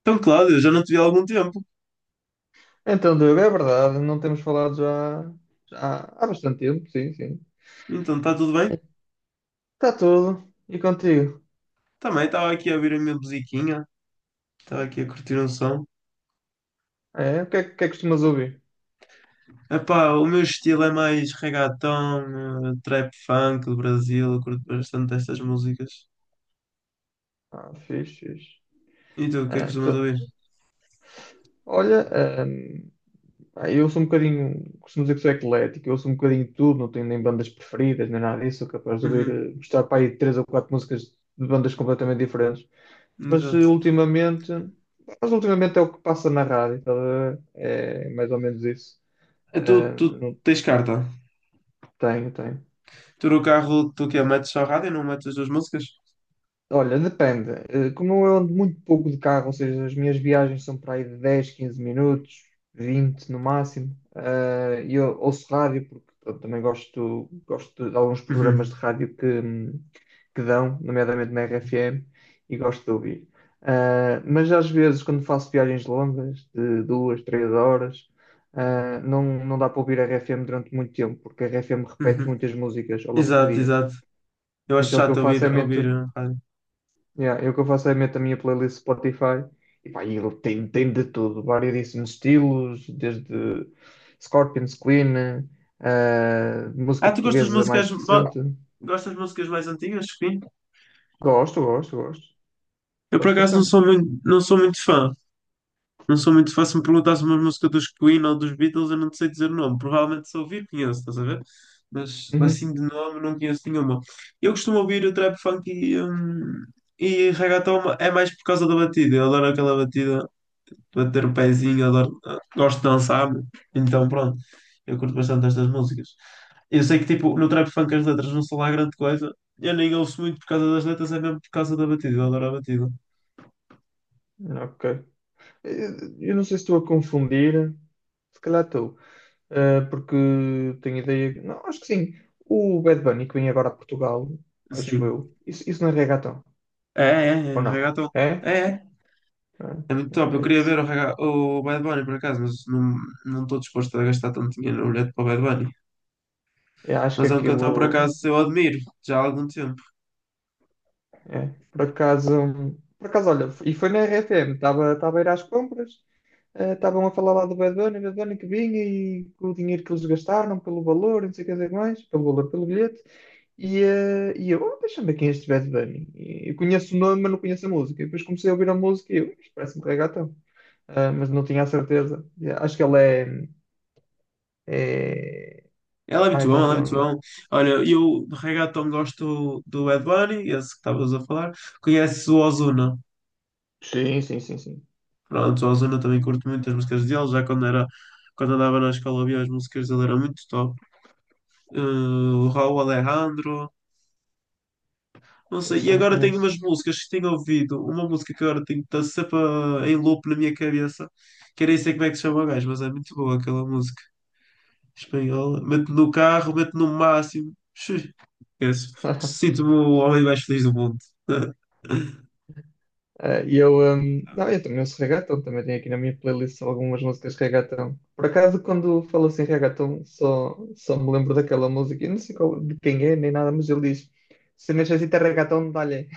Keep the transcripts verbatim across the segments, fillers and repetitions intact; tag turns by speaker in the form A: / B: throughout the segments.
A: Então, Cláudio, já não te vi há algum tempo.
B: Então, Diogo, é verdade, não temos falado já, já há há bastante tempo, sim, sim.
A: Então, está tudo bem?
B: Está tudo. E contigo?
A: Também estava aqui a ouvir a minha musiquinha, estava aqui a curtir um som.
B: É, o que é que que é que costumas ouvir?
A: Epá, o meu estilo é mais reggaeton, eh, trap funk do Brasil, eu curto bastante estas músicas.
B: Ah, fixe, fixe.
A: E tu, o que é que
B: Ah,
A: costumas
B: tu-
A: ouvir?
B: olha, ahm, ah, eu sou um bocadinho, costumo dizer que sou eclético, eu sou um bocadinho de tudo, não tenho nem bandas preferidas, nem nada disso, sou capaz de ouvir,
A: Uhum,
B: eh, gostar para aí de três ou quatro músicas de bandas completamente diferentes. Mas eh,
A: exato.
B: ultimamente, mas ultimamente é o que passa na rádio, estás a ver? É mais ou menos isso.
A: Eh, Tu,
B: Ah,
A: tu
B: não,
A: tens carta?
B: tenho, tenho.
A: Tu no carro, tu que é, metes só rádio e não metes as duas músicas?
B: Olha, depende. Eh, Como eu ando muito pouco de carro, ou seja, as minhas viagens são para aí de dez, quinze minutos, vinte no máximo, eh, e eu ouço rádio, porque eu também gosto, gosto de alguns
A: Uhum,
B: programas de rádio que, hum, que dão, nomeadamente na R F M, e gosto de ouvir. Eh, mas às vezes, quando faço viagens longas, de duas, três horas, eh, não, não dá para ouvir a R F M durante muito tempo, porque a R F M repete
A: uhum.
B: muitas músicas ao longo do
A: Exato,
B: dia.
A: exato. Eu acho
B: Então o que eu
A: chato ouvir,
B: faço é
A: ouvir
B: meto.
A: eh, rádio.
B: Yeah, eu que eu faço é meto a minha playlist Spotify e pá, e ele tem, tem, de tudo, variedíssimos estilos, desde Scorpions, Queen, eh, música
A: Ah, tu gostas de
B: portuguesa mais
A: músicas, ma-
B: recente.
A: gostas de músicas mais antigas?
B: Gosto, gosto, gosto.
A: Eu por
B: Gosto
A: acaso não
B: bastante.
A: sou muito, não sou muito fã. Não sou muito fã. Se me perguntasse uma música dos Queen ou dos Beatles, eu não te sei dizer o nome. Provavelmente se ouvir conheço, estás a ver? Mas
B: Uhum.
A: assim de nome não conheço nenhuma. Eu costumo ouvir o trap funk e, hum, e reggaeton é mais por causa da batida. Eu adoro aquela batida para ter o pezinho, adoro, gosto de dançar, meu. Então pronto, eu curto bastante estas músicas. Eu sei que tipo, no trap funk as letras não são lá grande coisa, eu nem ouço muito por causa das letras, é mesmo por causa da batida, eu adoro a batida.
B: Ok. Eh, Eu não sei se estou a confundir, se calhar estou, eh, porque tenho ideia. que- Não, acho que sim. O Bad Bunny que vem agora a Portugal, acho
A: Sim.
B: eu. Isso, isso não é reggaeton,
A: É, é,
B: ou
A: é,
B: não?
A: reggaeton.
B: É?
A: É, é. É muito top. Eu
B: É, é
A: queria ver
B: isso.
A: o, Raga- o Bad Bunny por acaso, mas não não estou disposto a gastar tanto dinheiro no bilhete para o Bad Bunny.
B: Eu acho que
A: Mas é um cantor por
B: aquilo
A: acaso eu admiro já há algum tempo.
B: é, por acaso, por acaso, olha, e foi na R F M, estava estava a ir às compras, eh, estavam a falar lá do Bad Bunny, Bad Bunny, que vinha e com o dinheiro que eles gastaram, pelo valor, não sei o que dizer mais, pelo valor, pelo bilhete, e, eh, e eu, oh, deixa-me ver quem é este Bad Bunny. E eu conheço o nome, mas não conheço a música. E depois comecei a ouvir a música e eu, isto parece-me reggaeton. Ah, mas não tinha a certeza. E acho que ele é, é...
A: Ela é
B: Ah,
A: muito bom,
B: então,
A: ela é
B: perdão,
A: muito
B: não.
A: bom. Olha, eu de reggaeton gosto do Bad Bunny, esse que estavas a falar. Conheço o Ozuna.
B: Sim, sim, sim, sim.
A: Pronto, o Ozuna também curto muito as músicas dele. Já quando era, quando andava na escola havia as músicas dele, era muito top. Eh, o Raul Alejandro. Não sei.
B: Esse
A: E
B: já não
A: agora tenho
B: conheço.
A: umas músicas que tenho ouvido. Uma música que agora tenho está sempre a- em loop na minha cabeça. Que nem sei como é que se chama o gajo, mas é muito boa aquela música espanhola. Mete no carro, mete no máximo. Xux. Esquece. Sinto-me o homem mais feliz do mundo.
B: Ah, e eu, hum, não, eu também ouço reggaeton, também tenho aqui na minha playlist algumas músicas de reggaeton. Por acaso, quando falo assim reggaeton, só, só me lembro daquela música, eu não sei qual- de quem é, nem nada, mas ele diz, se necessita reggaeton, dá-lhe.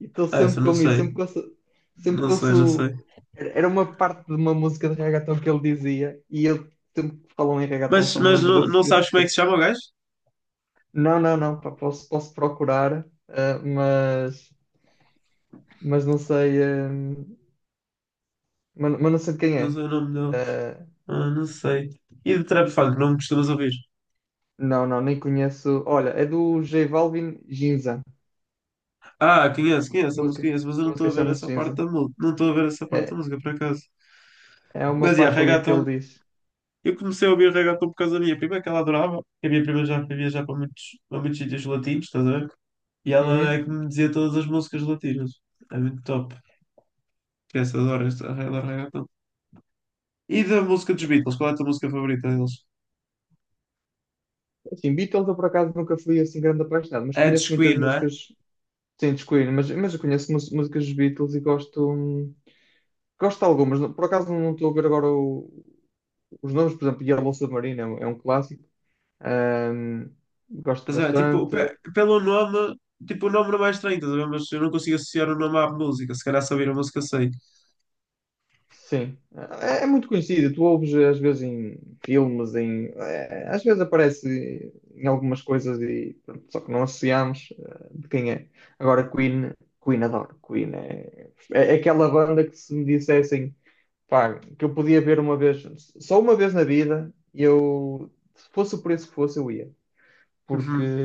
B: E estou
A: Ah, essa,
B: sempre
A: não
B: com isso,
A: sei.
B: sempre que ouço, sempre
A: Não
B: que
A: sei, não
B: ouço,
A: sei.
B: era uma parte de uma música de reggaeton que ele dizia, e eu sempre que falam em reggaeton
A: Mas,
B: só me
A: mas
B: lembro
A: não,
B: desse,
A: não
B: desse
A: sabes como é que
B: cheiro.
A: se chama o gajo?
B: Não, não, não, pá, posso, posso procurar, ah, mas, mas não sei. hum, Mas, mas não sei de quem
A: Não
B: é.
A: sei o nome dele.
B: Eh,
A: Ah, não sei. E de trap funk, não me costumas ouvir?
B: não, não, nem conheço. Olha, é do J Balvin Ginza.
A: Ah, conheço,
B: A
A: conheço a música,
B: música,
A: conheço, mas eu
B: a
A: não estou
B: música
A: a ver
B: chama-se
A: essa parte
B: Ginza.
A: da música. Não estou a ver essa parte da
B: É,
A: música, por acaso.
B: é uma
A: Mas, yeah,
B: parte ali que
A: reggaeton.
B: ele diz.
A: Eu comecei a ouvir reggaeton por causa da minha prima, que ela adorava. Que a minha prima já foi viajar para muitos, para muitos sítios latinos, estás a ver? E ela
B: Uhum.
A: é que me dizia todas as músicas latinas. É muito top. Essa adora, esta adora reggaeton. E da música dos Beatles, qual é a tua música favorita deles?
B: Assim, Beatles eu por acaso nunca fui assim grande apaixonado, mas
A: É
B: conheço
A: dos
B: muitas
A: Queen, não é?
B: músicas sem descobrir, mas, mas eu conheço mus- músicas dos Beatles e gosto, hum, gosto de algumas. Não- Por acaso não estou a ver agora o- os nomes, por exemplo, Yellow Submarine é um, é um clássico. Ahm, gosto
A: Estás a tipo,
B: bastante.
A: pe- pelo nome, tipo, o nome não é mais estranho, estás a ver? Mas eu não consigo associar o nome à música. Se calhar se ouvir a música sei.
B: Sim, é, é muito conhecido. Tu ouves às vezes em filmes, em, é, às vezes aparece em algumas coisas e pronto, só que não associamos eh, de quem é. Agora Queen, Queen adoro. Queen é, é aquela banda que se me dissessem, pá, que eu podia ver uma vez, só uma vez na vida, eu se fosse o preço que fosse, eu ia, porque
A: Uhum.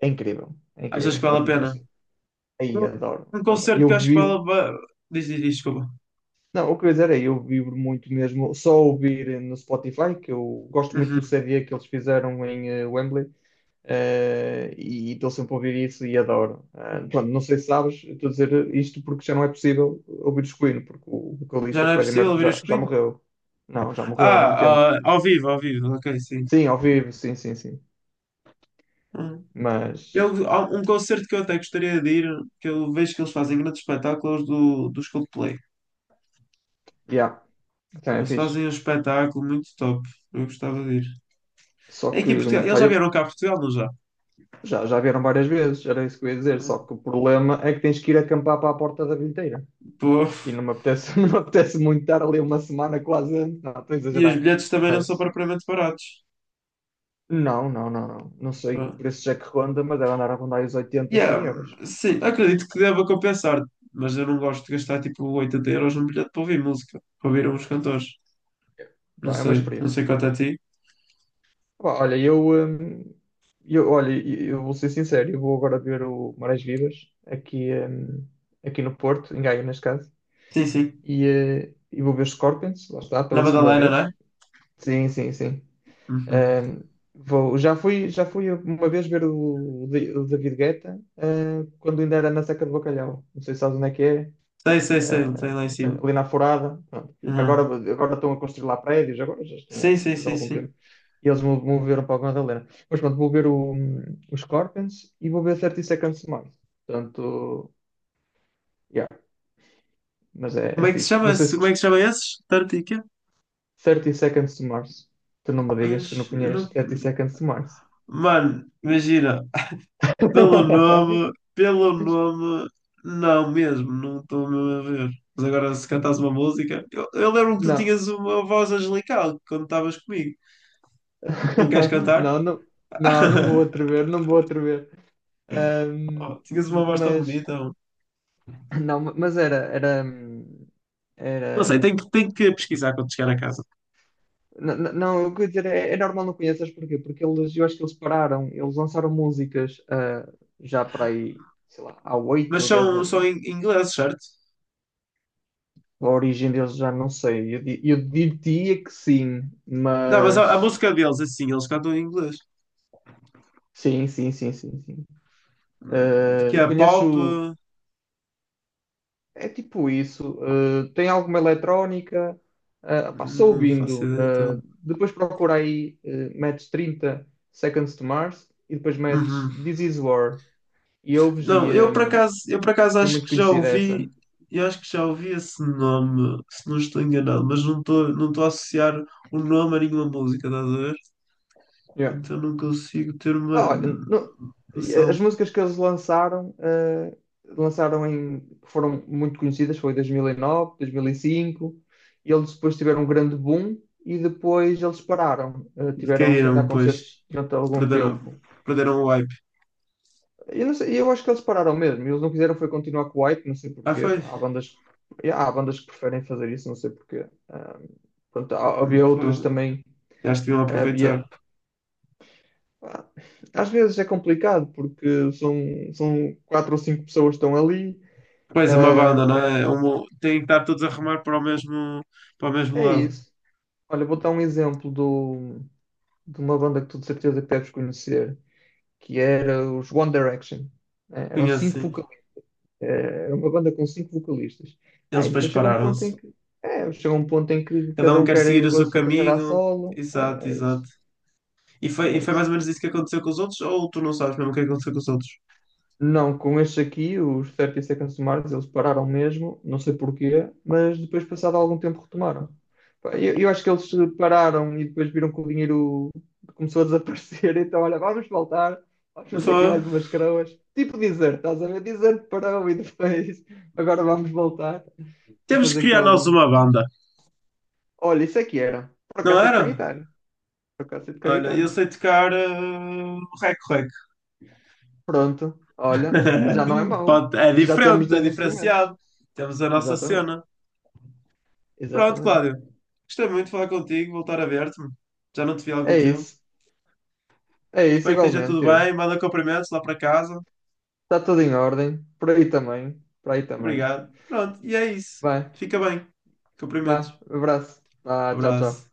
B: é incrível, é
A: Achas
B: incrível.
A: que
B: Não-
A: vale a
B: não
A: pena?
B: sei. Aí
A: Um
B: adoro,
A: um
B: adoro.
A: concerto que eu
B: Eu
A: acho que
B: vivo
A: vale. ba- Diz, diz, diz, desculpa.
B: Não, o que eu ia dizer é, eu vibro muito mesmo, só ouvir no Spotify, que eu gosto muito do
A: Uhum.
B: C D que eles fizeram em eh, Wembley, eh, e estou sempre a ouvir isso e adoro. Ah, pronto, não sei se sabes, estou a dizer isto porque já não é possível ouvir os Queen, porque o
A: Já
B: vocalista
A: não é
B: Freddie
A: possível
B: Mercury
A: ouvir
B: já,
A: os
B: já
A: Queen?
B: morreu. Não, já morreu há muito tempo.
A: Ah, ah, ao vivo, ao vivo, ok, sim.
B: Sim, ao vivo, sim, sim, sim.
A: Hum. Eu,
B: Mas,
A: há um concerto que eu até gostaria de ir, que eu vejo que eles fazem grandes espetáculos do, dos Coldplay.
B: yeah, também é
A: Eles
B: fixe.
A: fazem um espetáculo muito top. Eu gostava de ir.
B: Só
A: É
B: que,
A: aqui em Portugal. Eles
B: pá,
A: já
B: eu
A: vieram cá a Portugal, não já?
B: já, já vieram várias vezes, era isso que eu ia dizer, só que
A: Hum.
B: o problema é que tens que ir acampar para a porta da bilheteira.
A: Pô.
B: E não me apetece, não me apetece muito estar ali uma semana quase antes. Não, estou a
A: E os
B: exagerar.
A: bilhetes também não são
B: Mas
A: propriamente baratos.
B: não, não, não, não. Não sei que preço é que ronda, mas deve andar a rondar os oitenta cem
A: Yeah,
B: euros.
A: sim, acredito que deva compensar, mas eu não gosto de gastar tipo oitenta euros num bilhete para ouvir música, para ouvir uns cantores. Não
B: Pá, é uma
A: sei, não
B: experiência.
A: sei quanto é a ti.
B: Pá, olha, eu, hum, eu, olha, eu vou ser sincero, eu vou agora ver o Marés Vivas aqui, hum, aqui no Porto, em Gaia, neste caso.
A: Sim, sim.
B: E, eh, e vou ver os Scorpions, lá está,
A: Na
B: pela segunda
A: Madalena, não
B: vez.
A: é?
B: Sim, sim, sim.
A: Uhum.
B: Ahm, vou, já fui, já fui uma vez ver o, Di- o David Guetta, ah, quando ainda era na Seca do Bacalhau. Não sei se sabes onde é que é,
A: Sei, sei, sei,
B: ah,
A: tem lá em cima.
B: ali na Forada. Pronto. Agora,
A: Uhum.
B: agora estão a construir lá prédios, agora já estão lá
A: Sim, sim,
B: faz
A: sim,
B: algum
A: sim.
B: tempo. E eles mo- moveram para a Madalena. Mas pronto, vou ver o, os Scorpions e vou ver Thirty Seconds to Mars. Portanto, yeah, mas é,
A: Como
B: é
A: é que se
B: fixe.
A: chama
B: Não sei
A: esse?
B: se
A: Como é que
B: gost-
A: se chama esses? Tartica?
B: thirty Seconds to Mars. Tu não me digas que não
A: Mas, eu
B: conheces
A: não...
B: Thirty Seconds to Mars.
A: Mano, imagina, pelo nome, pelo nome, não mesmo, não estou mesmo a ver. Mas agora, se cantasse uma música, eu, eu lembro que tu
B: Não.
A: tinhas uma voz angelical quando estavas comigo. Não queres cantar?
B: Não, não, não, não vou atrever, não vou atrever. Ahm,
A: Oh, tinhas uma voz tão
B: mas,
A: bonita, mano.
B: não, mas era, era,
A: Não sei,
B: era,
A: tenho, que- tenho que pesquisar quando chegar a casa.
B: não, não, não, eu queria dizer, é, é normal não conheças porquê? Porque eles, eu acho que eles pararam, eles lançaram músicas, ah, já para aí, sei lá, há
A: Mas
B: oito ou dez
A: são, são
B: anos.
A: em em inglês, certo?
B: A origem deles já não sei, eu, di- eu diria que sim,
A: Não, mas a, a
B: mas,
A: música deles, assim, eles cantam em inglês.
B: sim, sim, sim, sim, sim.
A: Hum, Que
B: Ah,
A: é pop.
B: conheço.
A: Hum,
B: É tipo isso. eh, tem alguma eletrónica? eh, pá, sou
A: não faço
B: ouvindo.
A: ideia,
B: eh,
A: então.
B: depois procura aí, eh, metes thirty Seconds to Mars e depois metes
A: Uhum.
B: This Is War. E ouves e
A: Não, eu por
B: eh,
A: acaso, eu por acaso
B: é
A: acho
B: muito
A: que já
B: conhecida
A: ouvi,
B: essa.
A: eu acho que já ouvi esse nome, se não estou enganado, mas não estou não estou a associar o nome a nenhuma música, estás a ver?
B: Yeah.
A: Então não consigo ter uma
B: Ah, olha, no-
A: noção
B: as músicas que eles lançaram, eh, lançaram em, foram muito conhecidas, foi dois mil e nove, dois mil e cinco. E nove, dois mil e cinco, e eles depois tiveram um grande boom e depois eles pararam. eh,
A: de
B: tiveram sem dar
A: caíram, pois
B: concertos durante algum
A: perderam,
B: tempo.
A: perderam o hype.
B: Eu, não sei, eu acho que eles pararam mesmo. Eles não quiseram foi continuar com o White, não sei
A: Ah,
B: porquê.
A: foi?
B: Há bandas, yeah, há bandas que preferem fazer isso, não sei porquê. Ah, pronto, há-
A: Hum,
B: havia outras
A: Fogo.
B: também.
A: Já deviam aproveitar.
B: Havia. ah, Às vezes é complicado porque são, são quatro ou cinco pessoas que estão ali.
A: Pois é uma banda, não é? É um- Tem que estar todos a remar para o mesmo, para o
B: Ah,
A: mesmo
B: é
A: lado.
B: isso. Olha, vou dar um exemplo do, de uma banda que tu de certeza que deves conhecer, que era os One Direction, né? Eram
A: Conhece, sim, é
B: cinco.
A: assim.
B: É uma banda com cinco vocalistas. Ah,
A: Eles
B: e
A: depois
B: depois chega um ponto em
A: pararam-se.
B: que é, chega um ponto em que
A: Cada
B: cada
A: um
B: um
A: quer
B: quer
A: seguir
B: ir
A: o
B: com a
A: seu
B: sua carreira a
A: caminho.
B: solo.
A: Exato,
B: É, é isso.
A: exato. E foi, e
B: É
A: foi mais ou
B: isso.
A: menos isso que aconteceu com os outros, ou tu não sabes mesmo o que aconteceu com os outros?
B: Não, com estes aqui, os thirty Seconds to Mars, eles pararam mesmo, não sei porquê, mas depois, passado algum tempo, retomaram. Pá, Eu, eu acho que eles pararam e depois viram que o dinheiro começou a desaparecer, então, olha, vamos voltar, vamos fazer aqui
A: Foi.
B: mais umas croas. Tipo Desert, estás a ver? Desert parou e depois, agora vamos voltar para
A: Temos que
B: fazer aqui
A: criar nós
B: algum.
A: uma banda,
B: Olha, isso aqui era.
A: não
B: Procacete com a
A: era?
B: guitarra. Procacete com a
A: Olha, eu
B: guitarra.
A: sei tocar uh, rec rec.
B: Pronto. Olha, já não é mau.
A: Pronto, é
B: Já temos
A: diferente, é
B: dois instrumentos.
A: diferenciado. Temos a nossa
B: Exatamente.
A: cena. Pronto,
B: Exatamente.
A: Cláudio. Gostei muito de falar contigo, voltar a ver-te. Já não te vi há algum
B: É
A: tempo.
B: isso. É isso
A: Espero que esteja tudo
B: igualmente, eu.
A: bem. Manda cumprimentos lá para casa.
B: Está tudo em ordem. Por aí também. Por aí também.
A: Obrigado. Pronto, e é isso.
B: Vai.
A: Fica bem.
B: Vá.
A: Cumprimentos.
B: Abraço. Vá. Tchau,
A: Abraço.
B: tchau.